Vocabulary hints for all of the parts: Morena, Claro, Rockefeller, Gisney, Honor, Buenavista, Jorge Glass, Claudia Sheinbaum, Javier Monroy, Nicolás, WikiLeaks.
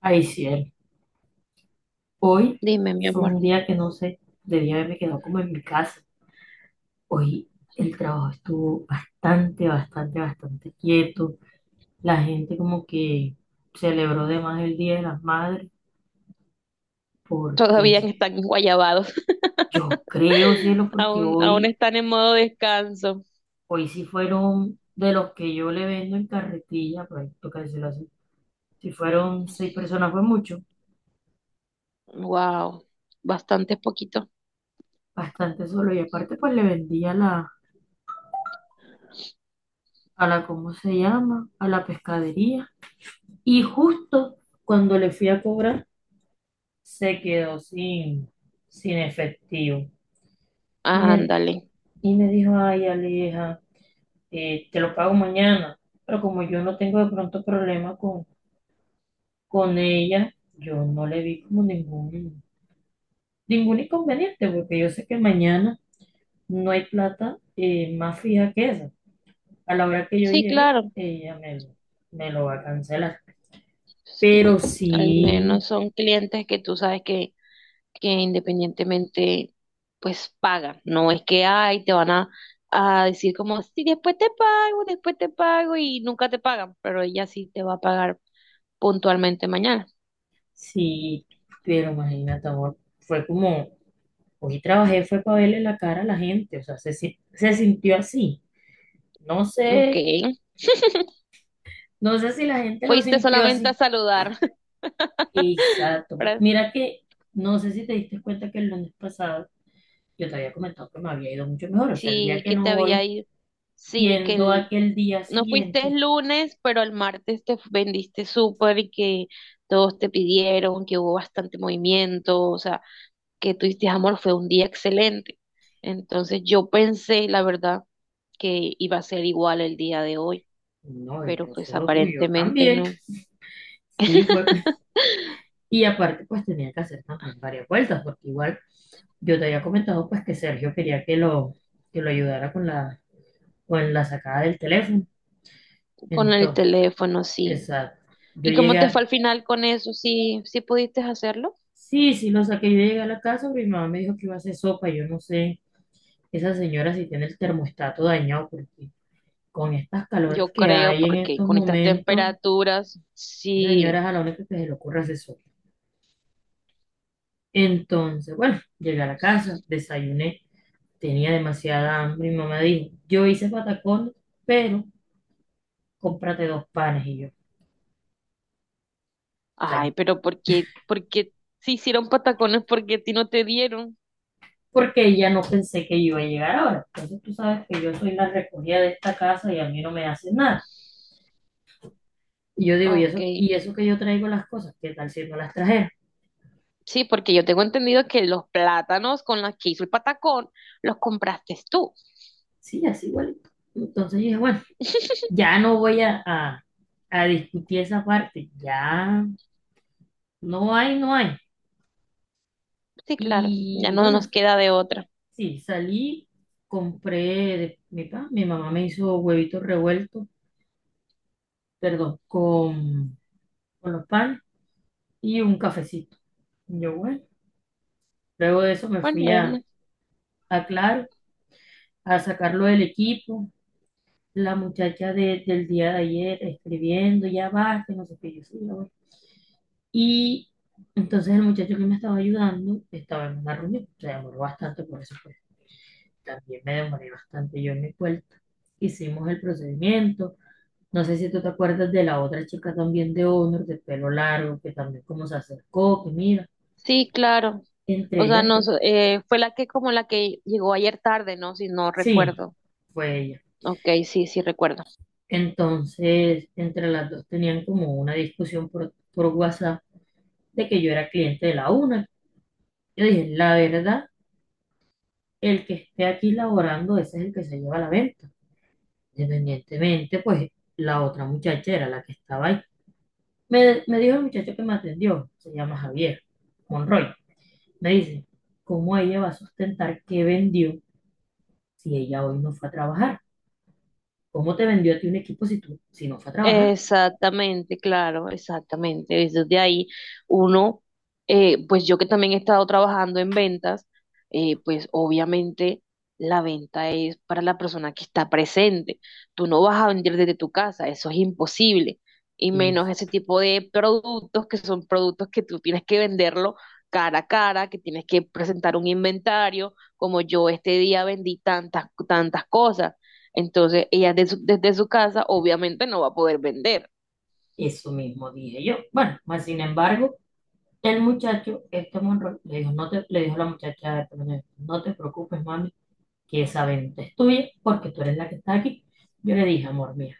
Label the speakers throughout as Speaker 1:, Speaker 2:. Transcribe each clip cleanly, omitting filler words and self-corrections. Speaker 1: Ay, cielo. Hoy
Speaker 2: Dime, mi
Speaker 1: fue
Speaker 2: amor,
Speaker 1: un día que no sé, debía haberme quedado como en mi casa. Hoy el trabajo estuvo bastante, bastante, bastante quieto. La gente como que celebró de más el Día de las Madres porque
Speaker 2: todavía están guayabados.
Speaker 1: yo creo, cielo, porque
Speaker 2: Aún
Speaker 1: hoy,
Speaker 2: están en modo descanso.
Speaker 1: hoy sí fueron de los que yo le vendo en carretilla, por ahí toca decirlo así, si fueron seis personas fue mucho,
Speaker 2: Wow, bastante poquito.
Speaker 1: bastante solo. Y aparte pues le vendía a la, ¿cómo se llama? A la pescadería. Y justo cuando le fui a cobrar, se quedó sin efectivo. Y me,
Speaker 2: Ándale.
Speaker 1: y me dijo, ay, Aleja, te lo pago mañana. Pero como yo no tengo de pronto problema con ella, yo no le vi como ningún inconveniente, porque yo sé que mañana no hay plata más fija que esa. A la hora que yo
Speaker 2: Sí,
Speaker 1: llegue,
Speaker 2: claro.
Speaker 1: me lo va a cancelar.
Speaker 2: Sí,
Speaker 1: Pero
Speaker 2: al
Speaker 1: sí,
Speaker 2: menos son clientes que tú sabes que independientemente, pues pagan. No es que, ay, te van a decir como, sí, después te pago y nunca te pagan, pero ella sí te va a pagar puntualmente mañana.
Speaker 1: sí, pero imagínate, amor, fue como, hoy trabajé, fue para verle la cara a la gente, o sea, se sintió así. No
Speaker 2: Ok,
Speaker 1: sé, no sé si la gente lo
Speaker 2: fuiste
Speaker 1: sintió
Speaker 2: solamente a
Speaker 1: así.
Speaker 2: saludar.
Speaker 1: Exacto.
Speaker 2: Para...
Speaker 1: Mira que, no sé si te diste cuenta que el lunes pasado yo te había comentado que me había ido mucho mejor, o sea, el día
Speaker 2: Sí,
Speaker 1: que
Speaker 2: que te
Speaker 1: no
Speaker 2: había
Speaker 1: voy,
Speaker 2: ido. Sí, que
Speaker 1: yendo
Speaker 2: el-
Speaker 1: aquel día
Speaker 2: no fuiste
Speaker 1: siguiente,
Speaker 2: el lunes, pero el martes te vendiste súper y que todos te pidieron, que hubo bastante movimiento, o sea, que tuviste amor, fue un día excelente. Entonces yo pensé, la verdad, que iba a ser igual el día de hoy,
Speaker 1: no, y
Speaker 2: pero
Speaker 1: no
Speaker 2: pues
Speaker 1: solo tú, yo
Speaker 2: aparentemente
Speaker 1: también.
Speaker 2: no.
Speaker 1: Sí, fue, y aparte pues tenía que hacer también varias vueltas, porque igual... Yo te había comentado pues que Sergio quería que lo ayudara con con la sacada del teléfono.
Speaker 2: Con el
Speaker 1: Entonces,
Speaker 2: teléfono, sí.
Speaker 1: exacto.
Speaker 2: ¿Y cómo te fue al final con eso? ¿Sí, sí pudiste hacerlo?
Speaker 1: Sí, sí lo saqué. Yo llegué a la casa, pero mi mamá me dijo que iba a hacer sopa. Yo no sé, esa señora si tiene el termostato dañado, porque con estas calores
Speaker 2: Yo
Speaker 1: que
Speaker 2: creo
Speaker 1: hay en
Speaker 2: porque
Speaker 1: estos
Speaker 2: con estas
Speaker 1: momentos,
Speaker 2: temperaturas,
Speaker 1: esa señora
Speaker 2: sí.
Speaker 1: es a la única que se le ocurre hacer sopa. Entonces, bueno, llegué a la casa, desayuné, tenía demasiada hambre. Mi mamá dijo, yo hice patacones, pero cómprate dos panes y yo. O
Speaker 2: Ay,
Speaker 1: sea,
Speaker 2: pero por qué si hicieron patacones porque a ti no te dieron?
Speaker 1: porque ya no pensé que yo iba a llegar ahora. Entonces tú sabes que yo soy la recogida de esta casa y a mí no me hacen nada. Y yo digo,
Speaker 2: Ok.
Speaker 1: y eso que yo traigo las cosas? ¿Qué tal si no las trajera?
Speaker 2: Sí, porque yo tengo entendido que los plátanos con los que hizo el patacón los compraste tú.
Speaker 1: Sí, así igualito. Entonces dije, bueno, ya no voy a discutir esa parte. Ya no hay, no hay.
Speaker 2: Sí, claro. Ya
Speaker 1: Y
Speaker 2: no nos
Speaker 1: bueno,
Speaker 2: queda de otra.
Speaker 1: sí, salí, compré de mi pan. Mi mamá me hizo huevitos revueltos, perdón, con los pan y un cafecito. Y bueno. Luego de eso me fui
Speaker 2: Bueno, Ernesto,
Speaker 1: a Claro a sacarlo del equipo. La muchacha del día de ayer escribiendo, ya basta no sé qué yo sí, ya voy. Y entonces el muchacho que me estaba ayudando estaba en una reunión. Se demoró bastante, por eso pues, también me demoré bastante yo en mi vuelta. Hicimos el procedimiento. No sé si tú te acuerdas de la otra chica también de Honor, de pelo largo, que también como se acercó, que mira,
Speaker 2: sí, claro. O
Speaker 1: entre
Speaker 2: sea,
Speaker 1: ellas dos.
Speaker 2: nos, fue la que como la que llegó ayer tarde, ¿no? Si no
Speaker 1: Sí,
Speaker 2: recuerdo.
Speaker 1: fue ella.
Speaker 2: Ok, sí, sí recuerdo.
Speaker 1: Entonces, entre las dos tenían como una discusión por WhatsApp de que yo era cliente de la una. Yo dije, la verdad, el que esté aquí laborando, ese es el que se lleva la venta. Independientemente, pues la otra muchacha era la que estaba ahí. Me dijo el muchacho que me atendió, se llama Javier Monroy. Me dice, ¿cómo ella va a sustentar que vendió si ella hoy no fue a trabajar? ¿Cómo te vendió a ti un equipo si tú, si no fue a trabajar?
Speaker 2: Exactamente, claro, exactamente. Desde ahí uno, pues yo que también he estado trabajando en ventas, pues obviamente la venta es para la persona que está presente. Tú no vas a vender desde tu casa, eso es imposible. Y
Speaker 1: Y
Speaker 2: menos ese tipo de productos que son productos que tú tienes que venderlo cara a cara, que tienes que presentar un inventario, como yo este día vendí tantas, tantas cosas. Entonces, ella de su- desde su casa obviamente no va a poder vender.
Speaker 1: eso mismo dije yo. Bueno, más sin embargo. El muchacho, este Monroy, le dijo, no te, le dijo la muchacha de Polonia, no te preocupes, mami, que esa venta es tuya porque tú eres la que está aquí. Yo le dije, amor, mira,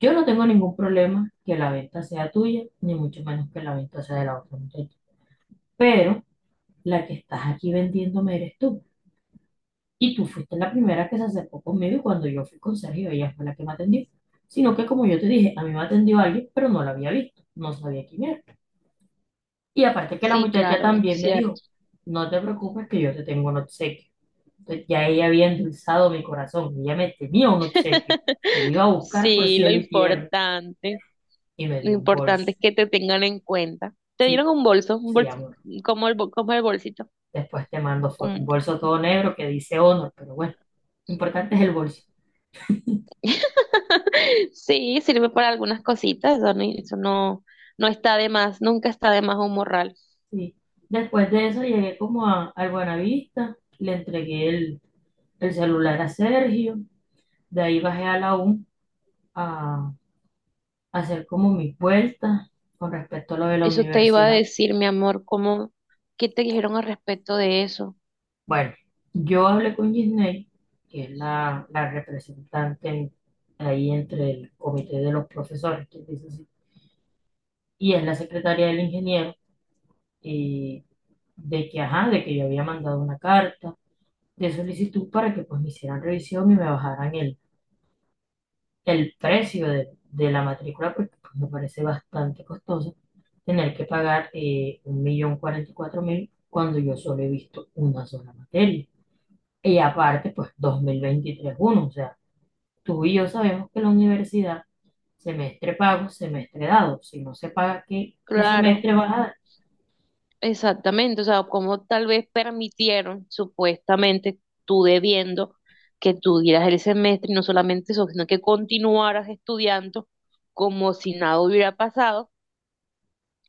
Speaker 1: yo no tengo ningún problema que la venta sea tuya, ni mucho menos que la venta sea de la otra muchacha. Pero la que estás aquí vendiéndome eres tú. Y tú fuiste la primera que se acercó conmigo y cuando yo fui con Sergio, ella fue la que me atendió. Sino que como yo te dije, a mí me atendió alguien, pero no la había visto, no sabía quién era. Y aparte que la
Speaker 2: Sí,
Speaker 1: muchacha
Speaker 2: claro, es
Speaker 1: también me dijo,
Speaker 2: cierto.
Speaker 1: no te preocupes que yo te tengo un obsequio. Entonces ya ella había endulzado mi corazón, ella me tenía un obsequio. Yo lo iba a buscar por
Speaker 2: Sí,
Speaker 1: cielo y tierra y me
Speaker 2: lo
Speaker 1: dio un
Speaker 2: importante
Speaker 1: bolso.
Speaker 2: es que te tengan en cuenta. Te dieron
Speaker 1: Sí,
Speaker 2: un
Speaker 1: sí,
Speaker 2: bolso,
Speaker 1: amor.
Speaker 2: como el, bol- como el bolsito.
Speaker 1: Después te mando foto, un
Speaker 2: Como...
Speaker 1: bolso todo negro que dice Honor, pero bueno, lo importante es el bolso.
Speaker 2: Sí, sirve para algunas cositas, eso no, no está de más, nunca está de más un morral.
Speaker 1: Sí. Después de eso llegué como a, al Buenavista, le entregué el celular a Sergio, de ahí bajé a la U hacer como mis vueltas con respecto a lo de la
Speaker 2: Eso te iba a
Speaker 1: universidad.
Speaker 2: decir, mi amor, ¿cómo, qué te dijeron al respecto de eso?
Speaker 1: Bueno, yo hablé con Gisney, que es la representante ahí entre el comité de los profesores, que dice así, y es la secretaria del ingeniero, eh, de que, ajá, de que yo había mandado una carta de solicitud para que pues me hicieran revisión y me bajaran el precio de la matrícula, porque pues, me parece bastante costoso tener que pagar 1.044.000 cuando yo solo he visto una sola materia. Y aparte, pues 2023-1 o sea, tú y yo sabemos que la universidad, semestre pago, semestre dado, si no se paga, ¿qué, qué
Speaker 2: Claro.
Speaker 1: semestre vas a?
Speaker 2: Exactamente, o sea, como tal vez permitieron supuestamente tú debiendo que tú dieras el semestre y no solamente eso, sino que continuaras estudiando como si nada hubiera pasado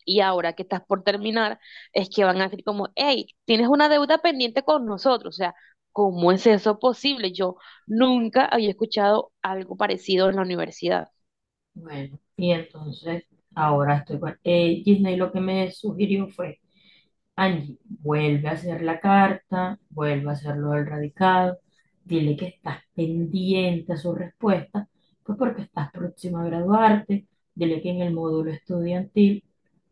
Speaker 2: y ahora que estás por terminar es que van a decir como, hey, tienes una deuda pendiente con nosotros, o sea, ¿cómo es eso posible? Yo nunca había escuchado algo parecido en la universidad.
Speaker 1: Bueno, y entonces ahora estoy con Disney. Lo que me sugirió fue, Angie, vuelve a hacer la carta, vuelve a hacerlo lo del radicado, dile que estás pendiente a su respuesta, pues porque estás próxima a graduarte, dile que en el módulo estudiantil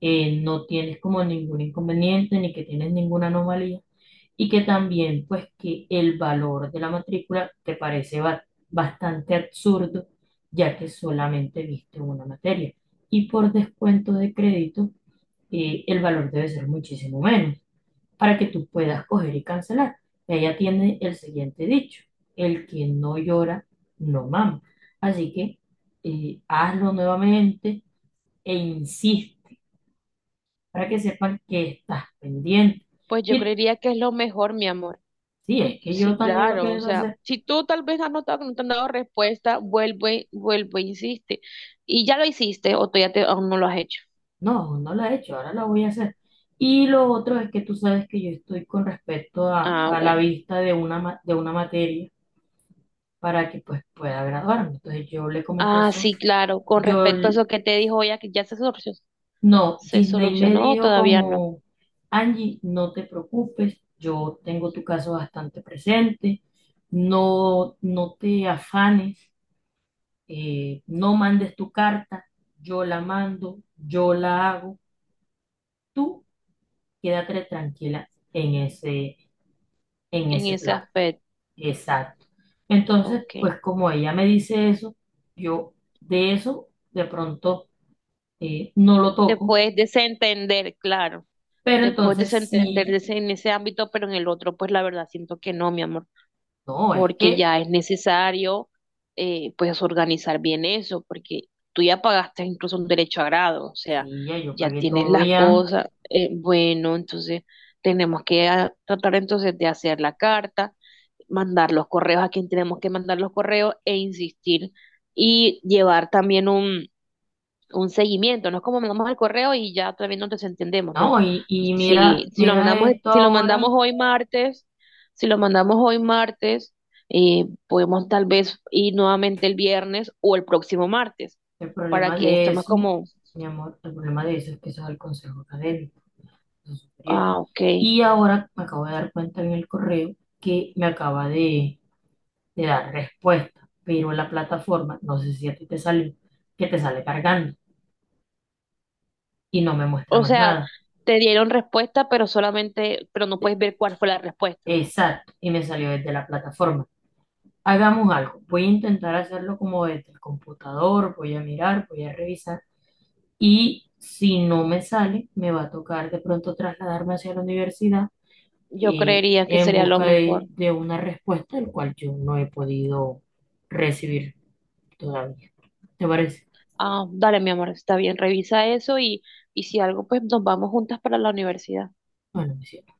Speaker 1: no tienes como ningún inconveniente ni que tienes ninguna anomalía y que también pues que el valor de la matrícula te parece bastante absurdo ya que solamente viste una materia. Y por descuento de crédito, el valor debe ser muchísimo menos para que tú puedas coger y cancelar. Y allá tiene el siguiente dicho, el que no llora, no mama. Así que hazlo nuevamente e insiste para que sepan que estás pendiente.
Speaker 2: Pues yo
Speaker 1: Y
Speaker 2: creería que es lo mejor, mi amor.
Speaker 1: sí, es que
Speaker 2: Sí,
Speaker 1: yo también lo
Speaker 2: claro, o
Speaker 1: pienso
Speaker 2: sea,
Speaker 1: hacer.
Speaker 2: si tú tal vez has notado que no te han dado respuesta, vuelve, vuelve, insiste. Y ya lo hiciste o tú ya te, aún no lo has hecho.
Speaker 1: No, no la he hecho, ahora la voy a hacer. Y lo otro es que tú sabes que yo estoy con respecto
Speaker 2: Ah,
Speaker 1: a la
Speaker 2: bueno.
Speaker 1: vista de de una materia para que pues pueda graduarme. Entonces yo le comenté
Speaker 2: Ah,
Speaker 1: eso.
Speaker 2: sí, claro, con
Speaker 1: Yo,
Speaker 2: respecto a
Speaker 1: l-
Speaker 2: eso que te dijo ella, que ya
Speaker 1: no,
Speaker 2: se
Speaker 1: Disney me
Speaker 2: solucionó, o
Speaker 1: dijo
Speaker 2: todavía no,
Speaker 1: como, Angie, no te preocupes, yo tengo tu caso bastante presente, no, no te afanes, no mandes tu carta, yo la mando, yo la hago. Tú quédate tranquila en ese,
Speaker 2: en ese
Speaker 1: plan.
Speaker 2: aspecto.
Speaker 1: Exacto. Entonces,
Speaker 2: Ok.
Speaker 1: pues como ella me dice eso, yo de eso de pronto no lo
Speaker 2: Te
Speaker 1: toco,
Speaker 2: puedes desentender, claro,
Speaker 1: pero
Speaker 2: te puedes
Speaker 1: entonces
Speaker 2: desentender de
Speaker 1: sí,
Speaker 2: ese- en ese ámbito, pero en el otro, pues la verdad siento que no, mi amor,
Speaker 1: no, es
Speaker 2: porque
Speaker 1: que
Speaker 2: ya es necesario, pues organizar bien eso, porque tú ya pagaste incluso un derecho a grado, o sea,
Speaker 1: sí, ya yo
Speaker 2: ya
Speaker 1: pagué
Speaker 2: tienes
Speaker 1: todo
Speaker 2: las
Speaker 1: ya,
Speaker 2: cosas, bueno, entonces tenemos que ah, tratar entonces de hacer la carta, mandar los correos a quien tenemos que mandar los correos e insistir y llevar también un seguimiento, no es como mandamos el correo y ya todavía no nos entendemos, no.
Speaker 1: no, y mira,
Speaker 2: Si, si lo
Speaker 1: mira
Speaker 2: mandamos,
Speaker 1: esto
Speaker 2: si lo mandamos
Speaker 1: ahora,
Speaker 2: hoy martes, si lo mandamos hoy martes, podemos tal vez ir nuevamente el viernes o el próximo martes,
Speaker 1: el
Speaker 2: para
Speaker 1: problema
Speaker 2: que
Speaker 1: de
Speaker 2: esto más
Speaker 1: eso,
Speaker 2: como,
Speaker 1: mi amor, el problema de eso es que eso es el consejo académico, superior.
Speaker 2: ah, ok.
Speaker 1: Y ahora me acabo de dar cuenta en el correo que me acaba de te da respuesta, pero la plataforma, no sé si a ti te salió, que te sale cargando y no me muestra
Speaker 2: O
Speaker 1: más
Speaker 2: sea,
Speaker 1: nada.
Speaker 2: te dieron respuesta, pero solamente, pero no puedes ver cuál fue la respuesta.
Speaker 1: Exacto, y me salió desde la plataforma. Hagamos algo, voy a intentar hacerlo como desde el computador, voy a mirar, voy a revisar y si no me sale, me va a tocar de pronto trasladarme hacia la universidad
Speaker 2: Yo creería que
Speaker 1: en
Speaker 2: sería lo
Speaker 1: busca
Speaker 2: mejor.
Speaker 1: de una respuesta, el cual yo no he podido recibir todavía. ¿Te parece?
Speaker 2: Ah, dale, mi amor, está bien, revisa eso y si algo, pues nos vamos juntas para la universidad.
Speaker 1: Bueno, me sirve.